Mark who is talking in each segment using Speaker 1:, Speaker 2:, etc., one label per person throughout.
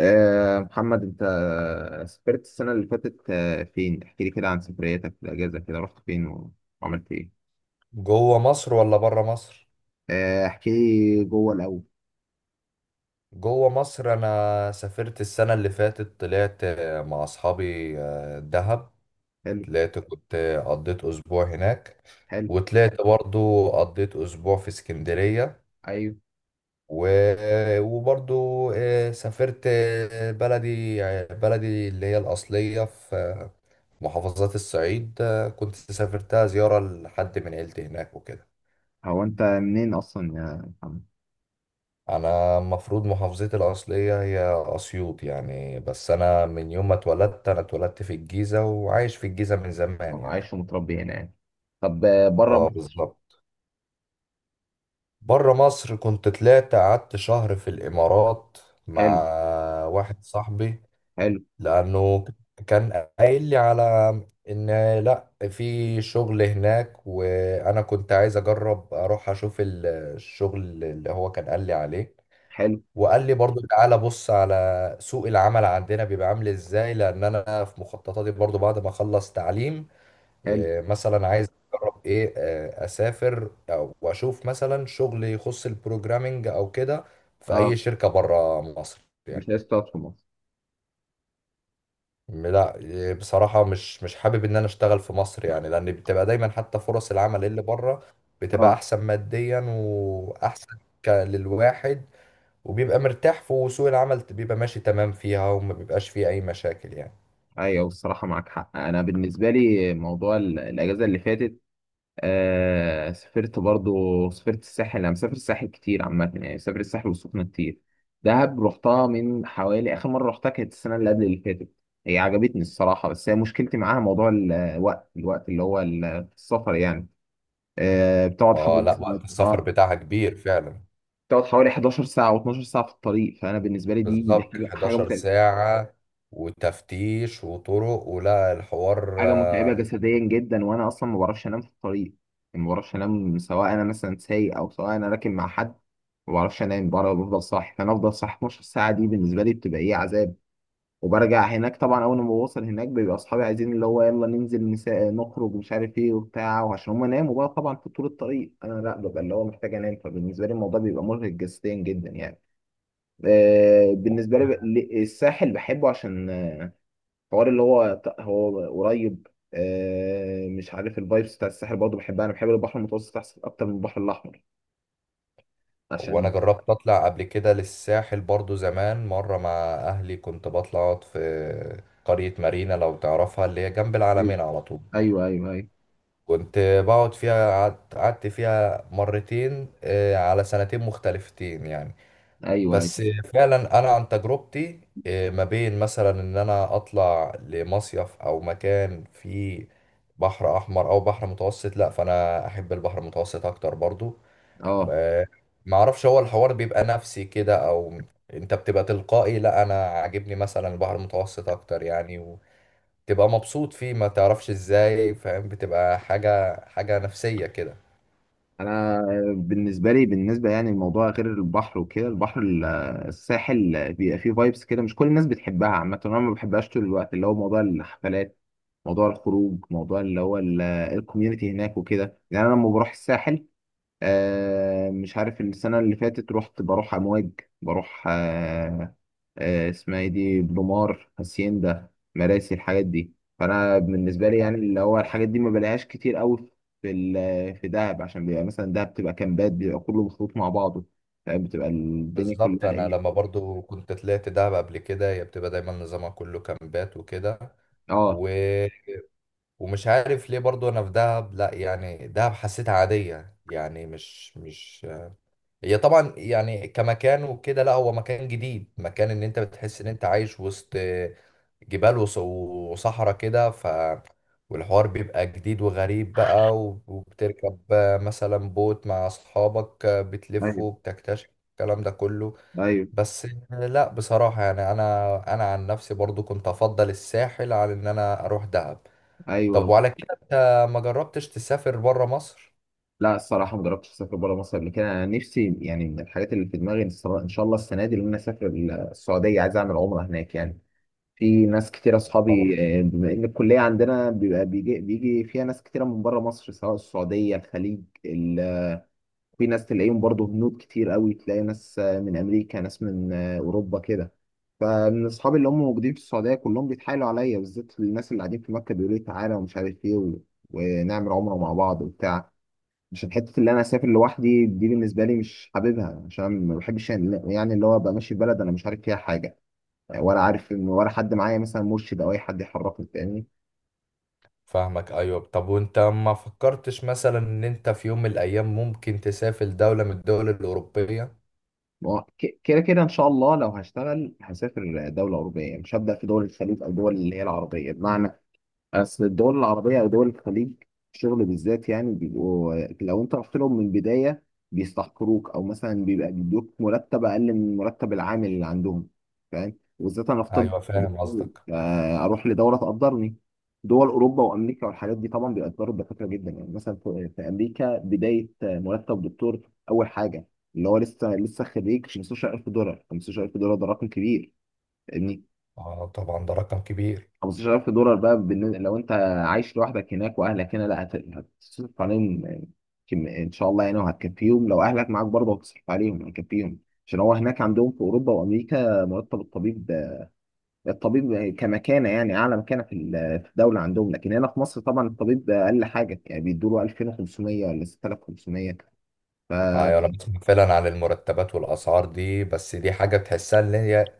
Speaker 1: محمد، انت سافرت السنة اللي فاتت فين؟ احكي لي كده عن سفرياتك في الأجازة، كده رحت فين وعملت ايه؟
Speaker 2: جوه مصر ولا بره مصر؟
Speaker 1: احكي لي جوه الأول.
Speaker 2: جوه مصر، انا سافرت السنه اللي فاتت، طلعت مع اصحابي دهب.
Speaker 1: حلو.
Speaker 2: طلعت كنت قضيت اسبوع هناك.
Speaker 1: حلو.
Speaker 2: وطلعت برضو قضيت اسبوع في اسكندريه.
Speaker 1: ايوه.
Speaker 2: و- وبرضو سافرت بلدي، بلدي اللي هي الاصليه في محافظات الصعيد. كنت سافرتها زياره لحد من عيلتي هناك وكده.
Speaker 1: هو انت منين أصلا يا محمد؟
Speaker 2: انا المفروض محافظتي الاصليه هي اسيوط يعني، بس انا من يوم ما اتولدت، انا اتولدت في الجيزه وعايش في الجيزه من زمان
Speaker 1: أنا
Speaker 2: يعني.
Speaker 1: عايش ومتربي هنا يعني. طب، بره
Speaker 2: اه،
Speaker 1: مصر؟
Speaker 2: بالظبط. بره مصر كنت طلعت قعدت شهر في الامارات مع
Speaker 1: حلو.
Speaker 2: واحد صاحبي،
Speaker 1: حلو.
Speaker 2: لانه كان قايل لي على ان لا، في شغل هناك، وانا كنت عايز اجرب اروح اشوف الشغل اللي هو كان قال لي عليه.
Speaker 1: حلو.
Speaker 2: وقال لي برضو تعالى بص على سوق العمل عندنا بيبقى عامل ازاي، لان انا في مخططاتي برضو بعد ما اخلص تعليم،
Speaker 1: حلو.
Speaker 2: مثلا عايز اجرب ايه، اسافر او واشوف مثلا شغل يخص البروجرامينج او كده في اي
Speaker 1: اه.
Speaker 2: شركة بره مصر يعني.
Speaker 1: مش عايز تقعد في مصر.
Speaker 2: لا، بصراحة مش حابب ان انا اشتغل في مصر يعني، لان بتبقى دايما حتى فرص العمل اللي بره بتبقى
Speaker 1: اه،
Speaker 2: احسن ماديا واحسن للواحد. وبيبقى مرتاح في وسوق العمل بيبقى ماشي تمام فيها، وما بيبقاش فيه أي مشاكل يعني.
Speaker 1: ايوه، الصراحة معاك حق. انا بالنسبة لي موضوع الأجازة اللي فاتت، سافرت، برضو سافرت الساحل. انا مسافر الساحل كتير عامة، يعني سافرت الساحل والسخنة كتير. دهب رحتها من حوالي، اخر مرة رحتها كانت السنة اللي قبل اللي فاتت. هي عجبتني الصراحة، بس هي مشكلتي معاها موضوع الوقت، الوقت اللي هو السفر يعني. آه بتقعد
Speaker 2: اه
Speaker 1: حوالي
Speaker 2: لا، وقت السفر
Speaker 1: اه
Speaker 2: بتاعها كبير فعلا.
Speaker 1: بتقعد حوالي 11 ساعة و12 ساعة في الطريق، فانا بالنسبة لي دي
Speaker 2: بالظبط
Speaker 1: حاجة حاجة
Speaker 2: 11
Speaker 1: متعبة.
Speaker 2: ساعة، وتفتيش وطرق، ولا الحوار
Speaker 1: حاجه متعبه
Speaker 2: يعني.
Speaker 1: جسديا جدا، وانا اصلا ما بعرفش انام في الطريق، يعني ما بعرفش انام سواء انا مثلا سايق او سواء انا راكب مع حد. ما بعرفش انام بره، بفضل صاحي، فانا افضل صاحي 12 ساعه. دي بالنسبه لي بتبقى ايه، عذاب. وبرجع هناك طبعا، اول ما بوصل هناك بيبقى اصحابي عايزين اللي هو يلا ننزل، نخرج ومش عارف ايه وبتاع. وعشان هم ناموا بقى طبعا في طول الطريق، انا لا، ببقى اللي هو محتاج انام، فبالنسبه لي الموضوع بيبقى مرهق جسديا جدا يعني. بالنسبه لي الساحل بحبه، عشان حوار اللي هو قريب. مش عارف، الفايبس بتاع الساحل برضه بحبها، انا بحب البحر المتوسط احسن، اكتر من البحر الاحمر
Speaker 2: وانا
Speaker 1: عشان...
Speaker 2: جربت اطلع قبل كده للساحل برضو زمان مرة مع اهلي، كنت بطلع اقعد في قرية مارينا، لو تعرفها، اللي هي جنب العلمين على طول.
Speaker 1: ايوه، ايوه، ايوه، ايوه،
Speaker 2: كنت بقعد فيها، قعدت فيها مرتين على سنتين مختلفتين يعني.
Speaker 1: ايوه، ايوه،
Speaker 2: بس فعلا انا عن تجربتي، ما بين مثلا ان انا اطلع لمصيف او مكان فيه بحر احمر او بحر متوسط، لا، فانا احب البحر المتوسط اكتر برضو.
Speaker 1: اه.
Speaker 2: آه، ما اعرفش، هو الحوار بيبقى نفسي كده او انت بتبقى تلقائي، لا انا عاجبني مثلا البحر المتوسط اكتر يعني. وتبقى مبسوط فيه ما تعرفش ازاي، فاهم، بتبقى حاجة نفسية
Speaker 1: انا بالنسبه لي، يعني الموضوع غير البحر وكده، البحر الساحل بيبقى فيه فايبس كده مش كل الناس بتحبها عامه. انا ما بحبهاش طول الوقت، اللي هو موضوع الحفلات، موضوع الخروج، موضوع اللي هو الكوميونتي هناك وكده يعني. انا لما بروح الساحل، مش عارف، السنة اللي فاتت رحت، بروح أمواج، بروح، اسمها ايه دي، بلومار، هاسيندا، مراسي، الحاجات دي. فأنا بالنسبة لي
Speaker 2: كده.
Speaker 1: يعني، اللي هو الحاجات دي ما بلاقيهاش كتير قوي في في دهب، عشان بيبقى مثلا دهب بتبقى كامبات، بيبقى كله مخلوط مع بعضه. فاهم، بتبقى الدنيا
Speaker 2: بالظبط،
Speaker 1: كلها
Speaker 2: انا
Speaker 1: ايه.
Speaker 2: لما برضو كنت طلعت دهب قبل كده، هي بتبقى دايما نظامها كله كامبات وكده.
Speaker 1: اه،
Speaker 2: و... ومش عارف ليه، برضو انا في دهب لا يعني، دهب حسيتها عادية يعني، مش. هي طبعا يعني كمكان وكده، لا هو مكان جديد، مكان ان انت بتحس ان انت عايش وسط جبال وص- وصحراء كده، والحوار بيبقى جديد وغريب بقى، وب- وبتركب مثلا بوت مع اصحابك
Speaker 1: ايوه،
Speaker 2: بتلفوا بتكتشف الكلام ده كله.
Speaker 1: ايوه،
Speaker 2: بس لا، بصراحة يعني، انا عن نفسي برضو كنت افضل الساحل عن ان انا اروح دهب. طب
Speaker 1: ايوه.
Speaker 2: وعلى كده انت ما جربتش تسافر برا مصر؟
Speaker 1: لا، الصراحه ما جربتش اسافر بره مصر قبل كده. انا نفسي يعني من الحاجات اللي في دماغي ان إن شاء الله السنه دي ان انا اسافر السعوديه، عايز اعمل عمره هناك يعني. في ناس كتير
Speaker 2: طبعا،
Speaker 1: اصحابي، بما ان الكليه عندنا بيبقى بيجي بيجي فيها ناس كتيره من بره مصر، سواء السعوديه، الخليج، ال... في ناس تلاقيهم برضو، هنود كتير قوي، تلاقي ناس من امريكا، ناس من اوروبا كده. فمن اصحابي اللي هم موجودين في السعوديه كلهم بيتحايلوا عليا، بالذات الناس اللي قاعدين في مكه، بيقولوا لي تعالى ومش عارف ايه و... ونعمل عمره مع بعض وبتاع. عشان حته اللي انا اسافر لوحدي دي بالنسبه لي مش حاببها، عشان ما بحبش يعني، اللي هو ابقى ماشي في بلد انا مش عارف فيها حاجه يعني، ولا عارف ان، ولا حد معايا مثلا مرشد او اي حد يحركني، فاهمني.
Speaker 2: فاهمك. ايوه، طب وانت ما فكرتش مثلا ان انت في يوم من الايام ممكن تسافر دولة من الدول الاوروبية؟
Speaker 1: ما هو كده كده ان شاء الله، لو هشتغل هسافر دوله اوروبيه، مش هبدا في دول الخليج او دول اللي هي العربيه. بمعنى اصل الدول العربيه او دول الخليج، الشغل بالذات يعني بيبقوا، لو انت رحت لهم من البدايه بيستحقروك، او مثلا بيبقى بيدوك مرتب اقل من مرتب العامل اللي عندهم، فاهم. وبالذات انا في طب،
Speaker 2: ايوه، فاهم
Speaker 1: دكتور،
Speaker 2: قصدك.
Speaker 1: اروح لدوله تقدرني. دول اوروبا وامريكا والحاجات دي طبعا بيقدروا الدكاتره جدا، يعني مثلا في امريكا بدايه مرتب دكتور، اول حاجه، اللي هو لسه لسه خريج، 15000 دولار. 15000 دولار ده رقم كبير يعني.
Speaker 2: اه، طبعا ده رقم كبير.
Speaker 1: 15000 دولار بقى، بالنسبة لو انت عايش لوحدك هناك واهلك هنا لا، هتصرف عليهم ان شاء الله يعني، وهتكفيهم. لو اهلك معاك برضه هتصرف عليهم، هتكفيهم. عشان هو هناك عندهم في اوروبا وامريكا مرتب الطبيب، الطبيب كمكانه يعني اعلى مكانه في في الدوله عندهم. لكن هنا في مصر طبعا الطبيب اقل حاجه، يعني بيدوا له 2500 ولا 6500. ف...
Speaker 2: ايوه، انا بسمع فعلا عن المرتبات والاسعار دي، بس دي حاجة تحسها ان هي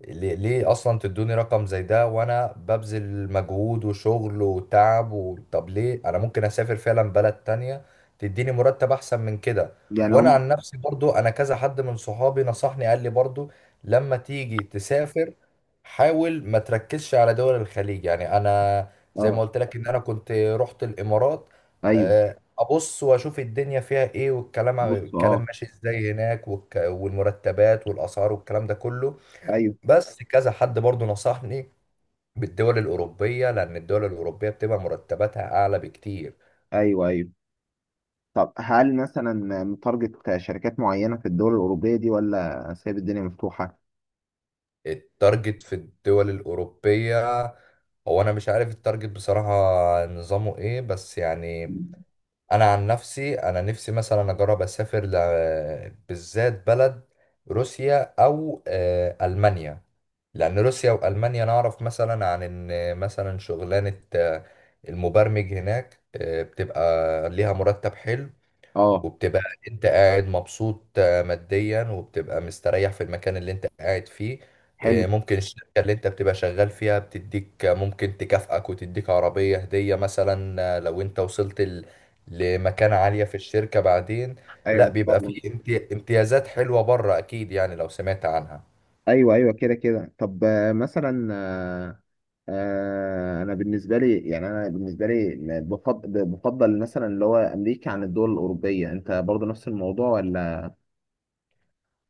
Speaker 2: ليه، اصلا تدوني رقم زي ده، وانا ببذل مجهود وشغل وتعب، طب ليه انا ممكن اسافر فعلا بلد تانية تديني مرتب احسن من كده؟
Speaker 1: يعني
Speaker 2: وانا
Speaker 1: هم،
Speaker 2: عن نفسي برضو، انا كذا حد من صحابي نصحني، قال لي برضو لما تيجي تسافر حاول ما تركزش على دول الخليج يعني. انا زي
Speaker 1: اه،
Speaker 2: ما قلت لك ان انا كنت رحت الامارات،
Speaker 1: ايوه،
Speaker 2: ابص واشوف الدنيا فيها ايه، والكلام
Speaker 1: بص،
Speaker 2: الكلام
Speaker 1: اه،
Speaker 2: ماشي ازاي هناك، والك- والمرتبات والاسعار والكلام ده كله.
Speaker 1: ايوه،
Speaker 2: بس كذا حد برضو نصحني بالدول الأوروبية، لأن الدول الأوروبية بتبقى مرتباتها أعلى بكتير.
Speaker 1: ايوه، ايوه. طب هل مثلا متارجت شركات معينة في الدول الأوروبية دي، ولا سايب الدنيا مفتوحة؟
Speaker 2: التارجت في الدول الأوروبية، هو أنا مش عارف التارجت بصراحة نظامه إيه، بس يعني أنا عن نفسي، أنا نفسي مثلا أجرب أسافر بالذات بلد، روسيا أو ألمانيا، لأن روسيا وألمانيا نعرف مثلا عن إن مثلا شغلانة المبرمج هناك بتبقى ليها مرتب حلو،
Speaker 1: اه،
Speaker 2: وبتبقى انت قاعد مبسوط ماديا، وبتبقى مستريح في المكان اللي انت قاعد فيه.
Speaker 1: حلو،
Speaker 2: ممكن الشركة اللي انت بتبقى شغال فيها بتديك، ممكن تكافئك وتديك عربية هدية مثلا، لو انت وصلت ل- لمكانة عالية في الشركة بعدين.
Speaker 1: ايوه،
Speaker 2: لا، بيبقى
Speaker 1: اتفضل.
Speaker 2: فيه امتيازات حلوة بره اكيد يعني، لو سمعت عنها.
Speaker 1: ايوه، ايوه، كده كده. طب مثلا، انا بالنسبه لي، يعني انا بالنسبه لي بفضل، مثلا اللي هو امريكا عن الدول الاوروبيه، انت برضه نفس الموضوع ولا...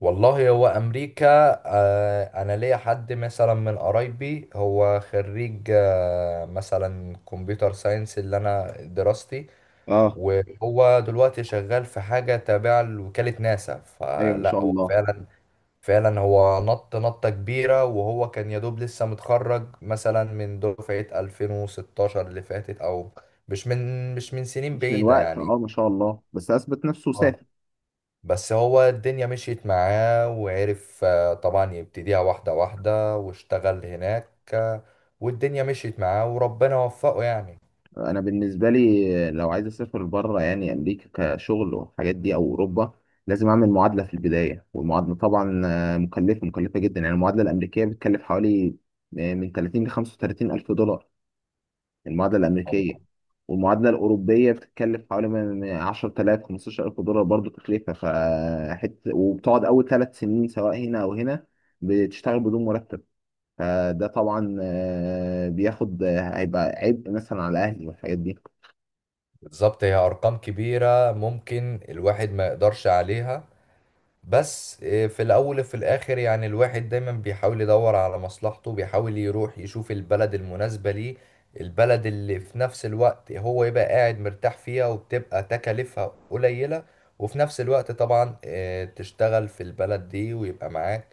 Speaker 2: والله، هو امريكا، انا ليا حد مثلا من قرايبي، هو خريج مثلا كمبيوتر ساينس، اللي انا دراستي،
Speaker 1: اه،
Speaker 2: وهو دلوقتي شغال في حاجة تابعة لوكالة ناسا،
Speaker 1: ايوه، ما
Speaker 2: فلا
Speaker 1: شاء
Speaker 2: هو
Speaker 1: الله.
Speaker 2: فعلا. فعلا هو نطة كبيرة، وهو كان يدوب لسه متخرج مثلا من دفعة 2016 اللي فاتت، أو مش من سنين
Speaker 1: مش من
Speaker 2: بعيدة
Speaker 1: وقت،
Speaker 2: يعني.
Speaker 1: اه، ما شاء الله. بس اثبت نفسه
Speaker 2: اه،
Speaker 1: وسافر.
Speaker 2: بس هو الدنيا مشيت معاه، وعرف طبعا يبتديها واحدة واحدة، واشتغل هناك، والدنيا مشيت معاه وربنا وفقه يعني.
Speaker 1: انا بالنسبه لي لو عايز اسافر بره يعني امريكا كشغل والحاجات دي او اوروبا، لازم اعمل معادله في البدايه، والمعادله طبعا مكلفه مكلفه جدا يعني. المعادله الامريكيه بتكلف حوالي من 30 ل 35 الف دولار، المعادله الامريكيه. والمعادله الاوروبيه بتتكلف حوالي من 10000 15000 دولار برضو تكلفه فحت. وبتقعد اول 3 سنين، سواء هنا او هنا، بتشتغل بدون مرتب. فده طبعا آه، بياخد آه، هيبقى عبء مثلا على اهلي والحاجات دي.
Speaker 2: بالظبط، هي ارقام كبيره ممكن الواحد ما يقدرش عليها. بس في الأول وفي الآخر يعني، الواحد دايما بيحاول يدور على مصلحته، بيحاول يروح يشوف البلد المناسبة ليه، البلد اللي في نفس الوقت هو يبقى قاعد مرتاح فيها، وبتبقى تكاليفها قليلة، وفي نفس الوقت طبعا تشتغل في البلد دي، ويبقى معاك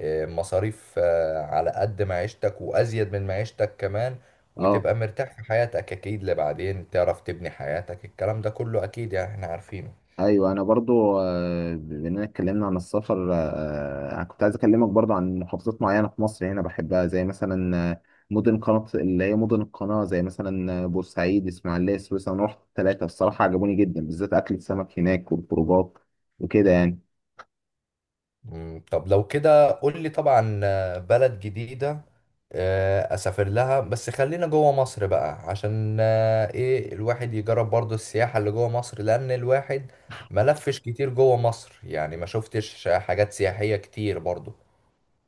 Speaker 2: مصاريف على قد معيشتك وأزيد من معيشتك كمان،
Speaker 1: اه،
Speaker 2: وتبقى مرتاح في حياتك أكيد، لبعدين تعرف تبني حياتك، الكلام ده كله أكيد يعني، احنا عارفينه.
Speaker 1: ايوه، انا برضو، بما اننا اتكلمنا عن السفر، انا كنت عايز اكلمك برضو عن محافظات معينه في مصر هنا بحبها، زي مثلا مدن قناه اللي هي مدن القناه، زي مثلا بورسعيد، اسماعيليه، سويسرا. انا رحت الثلاثه، الصراحه عجبوني جدا، بالذات اكل السمك هناك والخروجات وكده يعني.
Speaker 2: طب لو كده قول لي، طبعا بلد جديدة أسافر لها، بس خلينا جوه مصر بقى عشان الواحد يجرب برضو السياحة اللي جوه مصر، لأن الواحد ملفش كتير جوه مصر يعني، ما شفتش حاجات سياحية كتير برضو.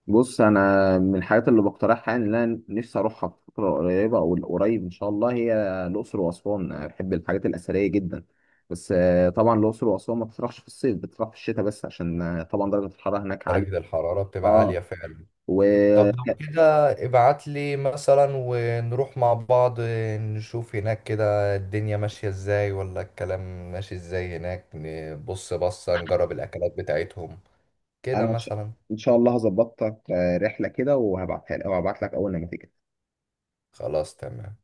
Speaker 1: بص، انا من الحاجات اللي بقترحها يعني، اللي انا نفسي اروحها في فتره قريبه او قريب ان شاء الله، هي الاقصر واسوان، انا بحب الحاجات الاثريه جدا. بس طبعا الاقصر واسوان ما بتطرحش في الصيف، بتطرح في الشتاء، بس عشان طبعا درجه الحراره هناك عاليه.
Speaker 2: درجة الحرارة بتبقى
Speaker 1: اه،
Speaker 2: عالية فعلا. طب
Speaker 1: وانا،
Speaker 2: لو كده ابعت لي مثلا ونروح مع بعض، نشوف هناك كده الدنيا ماشية ازاي ولا الكلام ماشي ازاي هناك، نبص بصة نجرب الأكلات بتاعتهم كده
Speaker 1: ان شاء
Speaker 2: مثلا.
Speaker 1: إن شاء الله هظبط لك رحله كده وهبعتها لك، او هبعت لك اول ما تيجي.
Speaker 2: خلاص، تمام.